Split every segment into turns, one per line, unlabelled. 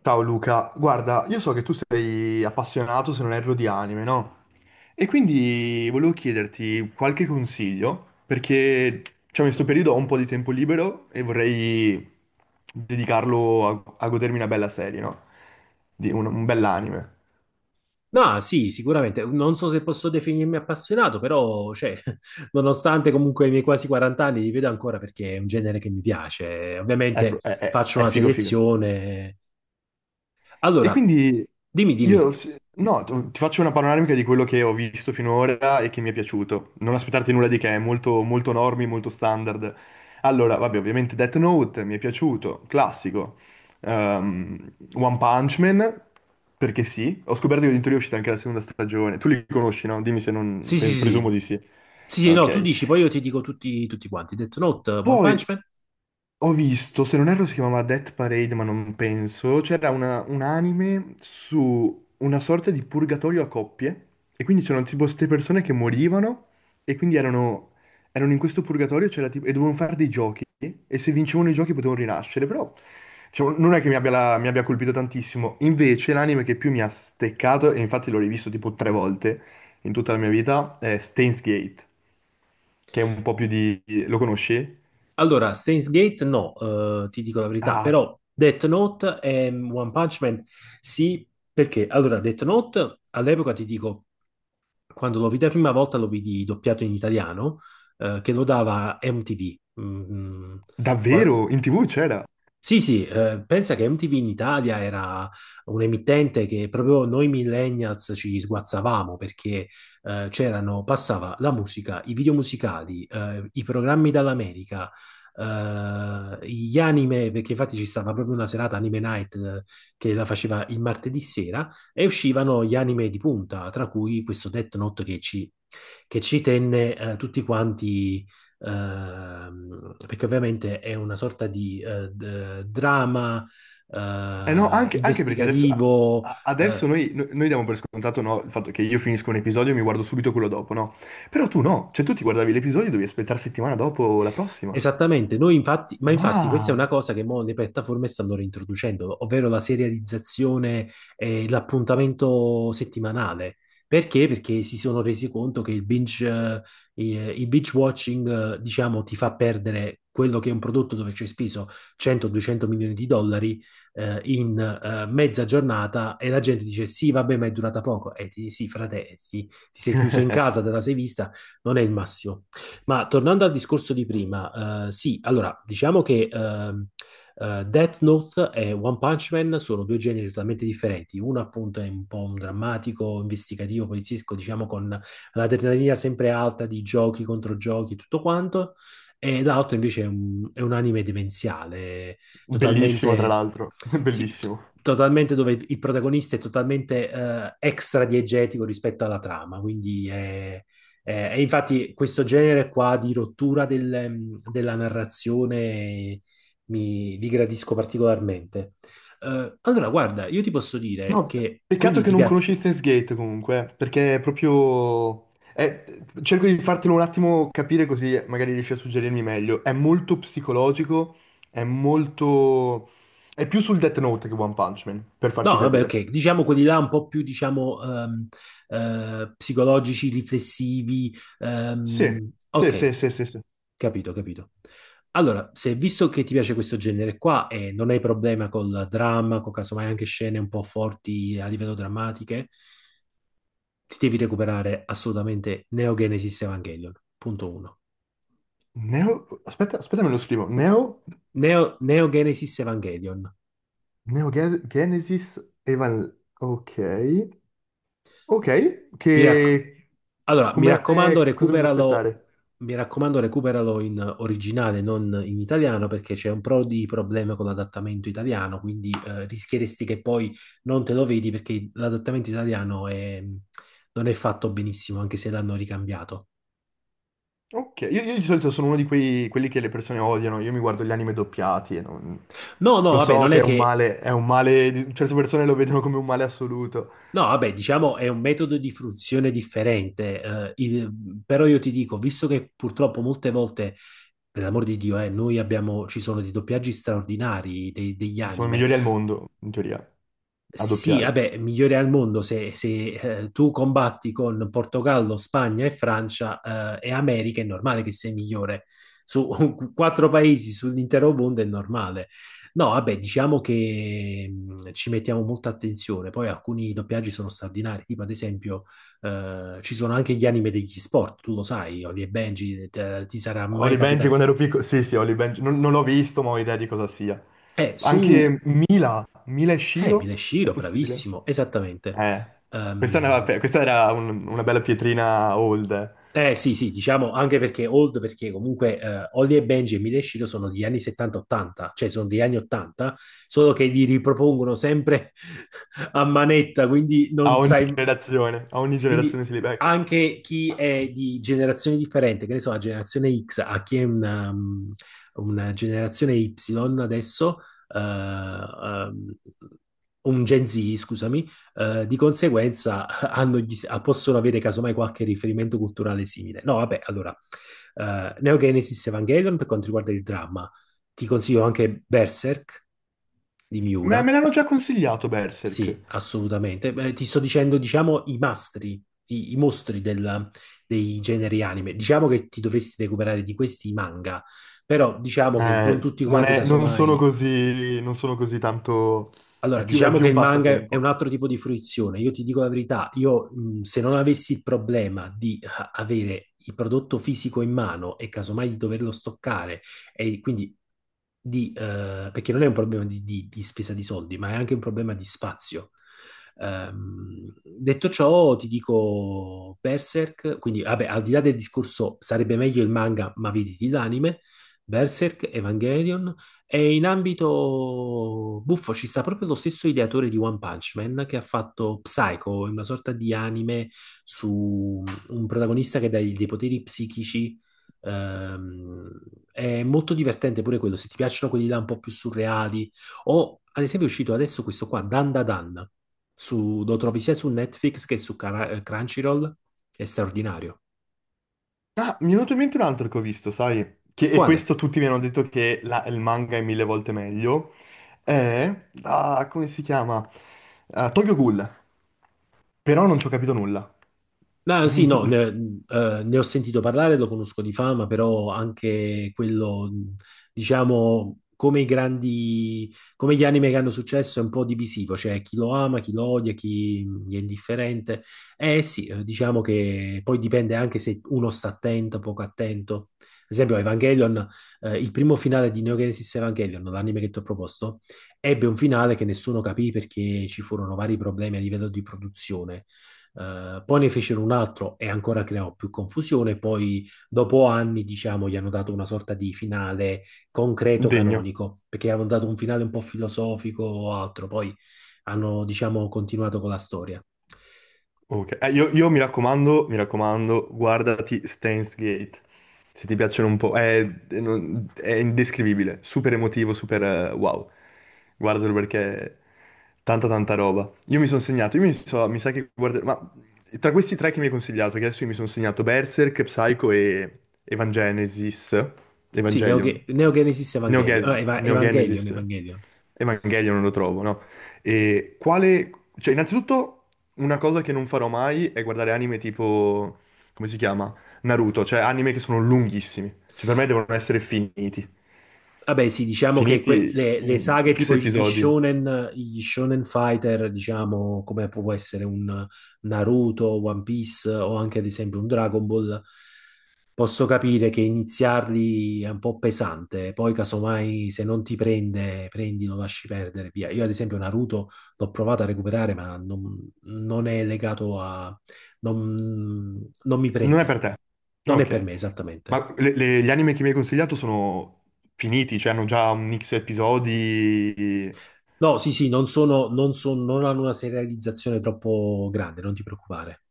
Ciao Luca, guarda, io so che tu sei appassionato, se non erro, di anime, no? E quindi volevo chiederti qualche consiglio, perché diciamo, in questo periodo ho un po' di tempo libero e vorrei dedicarlo a godermi una bella serie, no? Di un bell'anime.
No, sì, sicuramente. Non so se posso definirmi appassionato, però, cioè, nonostante comunque i miei quasi 40 anni, li vedo ancora perché è un genere che mi piace.
È,
Ovviamente
pro-
faccio
è
una
figo figo.
selezione.
E
Allora,
quindi
dimmi, dimmi.
io, se- no, t- ti faccio una panoramica di quello che ho visto finora e che mi è piaciuto. Non aspettarti nulla di che, è molto, molto normi, molto standard. Allora, vabbè, ovviamente Death Note mi è piaciuto, classico. One Punch Man, perché sì. Ho scoperto che addirittura è uscita anche la seconda stagione. Tu li conosci, no? Dimmi se non,
Sì, sì, sì. Sì,
presumo di sì.
sì, sì, no, tu
Ok.
dici, poi io ti dico tutti, tutti quanti. Death Note, One Punch
Poi
Man.
ho visto, se non erro si chiamava Death Parade, ma non penso, c'era un anime su una sorta di purgatorio a coppie e quindi c'erano tipo queste persone che morivano e quindi erano in questo purgatorio, e dovevano fare dei giochi e se vincevano i giochi potevano rinascere, però diciamo, non è che mi abbia colpito tantissimo. Invece l'anime che più mi ha steccato, e infatti l'ho rivisto tipo tre volte in tutta la mia vita, è Steins Gate, che è un po' più di. Lo conosci?
Allora, Steins Gate, no, ti dico la verità,
Ah,
però Death Note e One Punch Man, sì, perché? Allora, Death Note, all'epoca ti dico quando lo vidi la prima volta lo vidi doppiato in italiano, che lo dava MTV. Mm. qua-
davvero? In TV c'era?
sì, sì, pensa che MTV in Italia era un emittente che proprio noi millennials ci sguazzavamo perché c'erano, passava la musica, i video musicali, i programmi dall'America, gli anime, perché infatti ci stava proprio una serata Anime Night che la faceva il martedì sera e uscivano gli anime di punta, tra cui questo Death Note che ci tenne tutti quanti, perché ovviamente è una sorta di drama
Eh no,
eh,
anche, anche perché adesso,
investigativo,
adesso
eh,
noi, noi diamo per scontato, no, il fatto che io finisco un episodio e mi guardo subito quello dopo, no? Però tu no, cioè tu ti guardavi l'episodio e dovevi aspettare settimana dopo la prossima.
esattamente. Noi infatti, ma infatti questa è una
Ma.
cosa che mo le piattaforme stanno reintroducendo, ovvero la serializzazione e l'appuntamento settimanale. Perché? Perché si sono resi conto che il binge, eh, il binge watching, diciamo, ti fa perdere quello che è un prodotto dove ci hai speso 100-200 milioni di dollari, in mezza giornata e la gente dice sì, vabbè, ma è durata poco. E ti sì, frate, sì, ti sei chiuso in casa, te la sei vista, non è il massimo. Ma tornando al discorso di prima, sì, allora diciamo che Death Note e One Punch Man sono due generi totalmente differenti. Uno appunto è un po' un drammatico, investigativo, poliziesco, diciamo con l'adrenalina sempre alta di giochi contro giochi, tutto quanto, e l'altro invece è un anime demenziale,
Bellissimo, tra
totalmente,
l'altro.
sì, t-
Bellissimo.
totalmente, dove il protagonista è totalmente extra diegetico rispetto alla trama, quindi è e infatti questo genere qua di rottura della narrazione mi li gradisco particolarmente. Allora, guarda, io ti posso dire
No,
che
peccato
quindi
che
ti
non
piace...
conosci Steins Gate comunque, perché è proprio. è- Cerco di fartelo un attimo capire così magari riesci a suggerirmi meglio. È molto psicologico, è molto. È più sul Death Note che One Punch Man, per
No,
farci
vabbè,
capire.
ok, diciamo quelli là un po' più, diciamo, psicologici, riflessivi.
Sì, sì, sì,
Ok,
sì, sì, sì.
capito, capito. Allora, se visto che ti piace questo genere qua e non hai problema col dramma, con casomai anche scene un po' forti a livello drammatiche, ti devi recuperare assolutamente Neo Genesis Evangelion, punto uno.
Neo. Aspetta, aspetta, me lo scrivo. Neo...
Neo Genesis Evangelion.
Neo Ge- Genesis Evan. Ok. Ok,
Mi rac-
che.
Mi
Come.
raccomando,
Cosa mi devo
recuperalo,
aspettare?
mi raccomando, recuperalo in originale, non in italiano, perché c'è un pro di problema con l'adattamento italiano, quindi rischieresti che poi non te lo vedi perché l'adattamento italiano non è fatto benissimo, anche se l'hanno ricambiato.
Ok, io di solito sono uno di quei, quelli che le persone odiano, io mi guardo gli anime doppiati e non.
No, no,
Lo
vabbè,
so
non è
che
che
è un male, certe persone lo vedono come un male assoluto,
No, vabbè, diciamo è un metodo di fruizione differente, però io ti dico, visto che purtroppo molte volte, per l'amor di Dio, noi abbiamo, ci sono dei doppiaggi straordinari degli
ma siamo i
anime,
migliori al mondo, in teoria, a
sì,
doppiare.
vabbè, migliore al mondo se tu combatti con Portogallo, Spagna e Francia e America, è normale che sei migliore. Su quattro paesi sull'intero mondo è normale. No, vabbè, diciamo che ci mettiamo molta attenzione. Poi alcuni doppiaggi sono straordinari, tipo ad esempio ci sono anche gli anime degli sport, tu lo sai, Oli e Benji, ti sarà mai
Holly Benji
capitato.
quando ero piccolo, sì sì, Holly Benji, non l'ho visto ma ho idea di cosa sia.
Su...
Anche Mila e Shiro, è
Shiro,
possibile?
bravissimo, esattamente.
Eh, questa, è
Ehm,
questa era una bella pietrina old, eh.
Eh sì, sì, diciamo anche perché old, perché comunque Holly e Benji e Mila e Shiro sono degli anni 70-80, cioè sono degli anni 80, solo che li ripropongono sempre a manetta, quindi non sai,
A ogni
quindi
generazione si li becca.
anche chi è di generazione differente, che ne so, la generazione X, a chi è una una generazione Y adesso, eh, um, un Gen Z, scusami, di conseguenza possono avere casomai qualche riferimento culturale simile. No, vabbè, allora, Neo Genesis Evangelion per quanto riguarda il dramma, ti consiglio anche Berserk di
Me,
Miura,
me l'hanno già consigliato Berserk.
sì, assolutamente. Beh, ti sto dicendo, diciamo, i mastri, i mostri dei generi anime. Diciamo che ti dovresti recuperare di questi i manga, però diciamo che non tutti quanti,
Non sono
casomai,
così, non sono così tanto,
allora,
è più, è
diciamo
più
che
un
il manga è un
passatempo.
altro tipo di fruizione. Io ti dico la verità, io se non avessi il problema di avere il prodotto fisico in mano e casomai di doverlo stoccare, e quindi perché non è un problema di spesa di soldi, ma è anche un problema di spazio. Detto ciò, ti dico Berserk, quindi vabbè, al di là del discorso sarebbe meglio il manga, ma vedi l'anime, Berserk, Evangelion, e in ambito buffo ci sta proprio lo stesso ideatore di One Punch Man che ha fatto Psycho, una sorta di anime su un protagonista che dà dei poteri psichici. Ehm, è molto divertente pure quello, se ti piacciono quelli là un po' più surreali. O ad esempio è uscito adesso questo qua, Dan Da Dan, lo trovi sia su Netflix che su Crunchyroll, è straordinario.
Ah, mi è venuto in mente un altro che ho visto, sai? Che, e
Quale?
questo tutti mi hanno detto che il manga è mille volte meglio. È, ah, come si chiama? Ah, Tokyo Ghoul. Però non ci ho capito nulla.
Ah, sì, no, ne ho sentito parlare, lo conosco di fama, però anche quello, diciamo, come i grandi, come gli anime che hanno successo, è un po' divisivo, cioè chi lo ama, chi lo odia, chi gli è indifferente. Eh sì, diciamo che poi dipende anche se uno sta attento, poco attento. Ad esempio, Evangelion, il primo finale di Neo Genesis Evangelion, l'anime che ti ho proposto, ebbe un finale che nessuno capì perché ci furono vari problemi a livello di produzione. Poi ne fecero un altro e ancora creò più confusione. Poi, dopo anni, diciamo, gli hanno dato una sorta di finale concreto
Degno.
canonico, perché avevano dato un finale un po' filosofico o altro. Poi hanno, diciamo, continuato con la storia.
Ok. Io mi raccomando, guardati Steins Gate. Se ti piacciono un po'. È, è indescrivibile. Super emotivo, super wow. Guardalo perché tanta tanta roba. Io mi sono segnato, mi sa che guarderò, ma tra questi tre che mi hai consigliato, che adesso io mi sono segnato Berserk, Psycho e Evangenesis,
Sì, Neo,
Evangelion,
Ge- Neo Genesis Evangelion.
Neogenesis,
Evangelion.
Evangelion non lo trovo, no? E quale, cioè innanzitutto una cosa che non farò mai è guardare anime tipo, come si chiama? Naruto, cioè anime che sono lunghissimi, cioè per me devono essere finiti,
Vabbè, sì, diciamo che que-
finiti
le, le
in
saghe
X
tipo
episodi.
gli shonen fighter, diciamo, come può essere un Naruto, One Piece o anche ad esempio un Dragon Ball, posso capire che iniziarli è un po' pesante, poi casomai se non ti prende, prendi, lo lasci perdere, via. Io ad esempio Naruto l'ho provato a recuperare, non è legato non, non mi
Non è per
prende.
te.
Non è per
Ok.
me esattamente.
Ma gli anime che mi hai consigliato sono finiti, cioè hanno già un X episodi.
No, sì, sì, non hanno una serializzazione troppo grande, non ti preoccupare.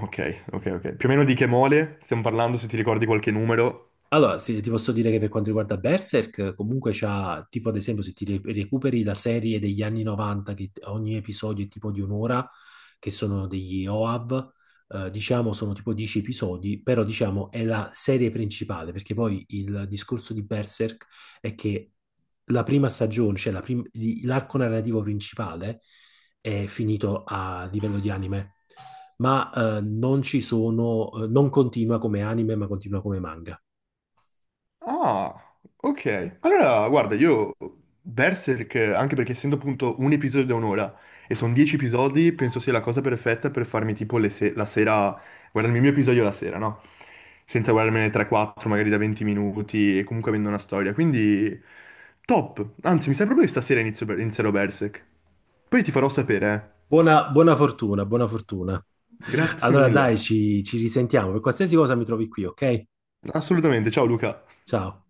Ok, ok, ok. Più o meno di che mole stiamo parlando, se ti ricordi qualche numero.
Allora, se ti posso dire che per quanto riguarda Berserk, comunque c'ha, tipo ad esempio, se recuperi la serie degli anni 90, ogni episodio è tipo di un'ora, che sono degli OAV, diciamo sono tipo 10 episodi, però diciamo è la serie principale, perché poi il discorso di Berserk è che la prima stagione, cioè l'arco narrativo principale, è finito a livello di anime, ma non ci sono, non continua come anime, ma continua come manga.
Ah, ok. Allora, guarda, io Berserk, anche perché essendo appunto un episodio da un'ora e sono 10 episodi, penso sia la cosa perfetta per farmi tipo le se- la sera, guardarmi il mio episodio la sera, no? Senza guardarmene 3-4 magari da 20 minuti e comunque avendo una storia. Quindi top. Anzi, mi sa proprio che stasera inizio, inizierò Berserk. Poi ti farò sapere, eh.
Buona, buona fortuna, buona fortuna.
Grazie
Allora dai,
mille.
ci risentiamo. Per qualsiasi cosa mi trovi qui, ok?
Assolutamente, ciao Luca.
Ciao.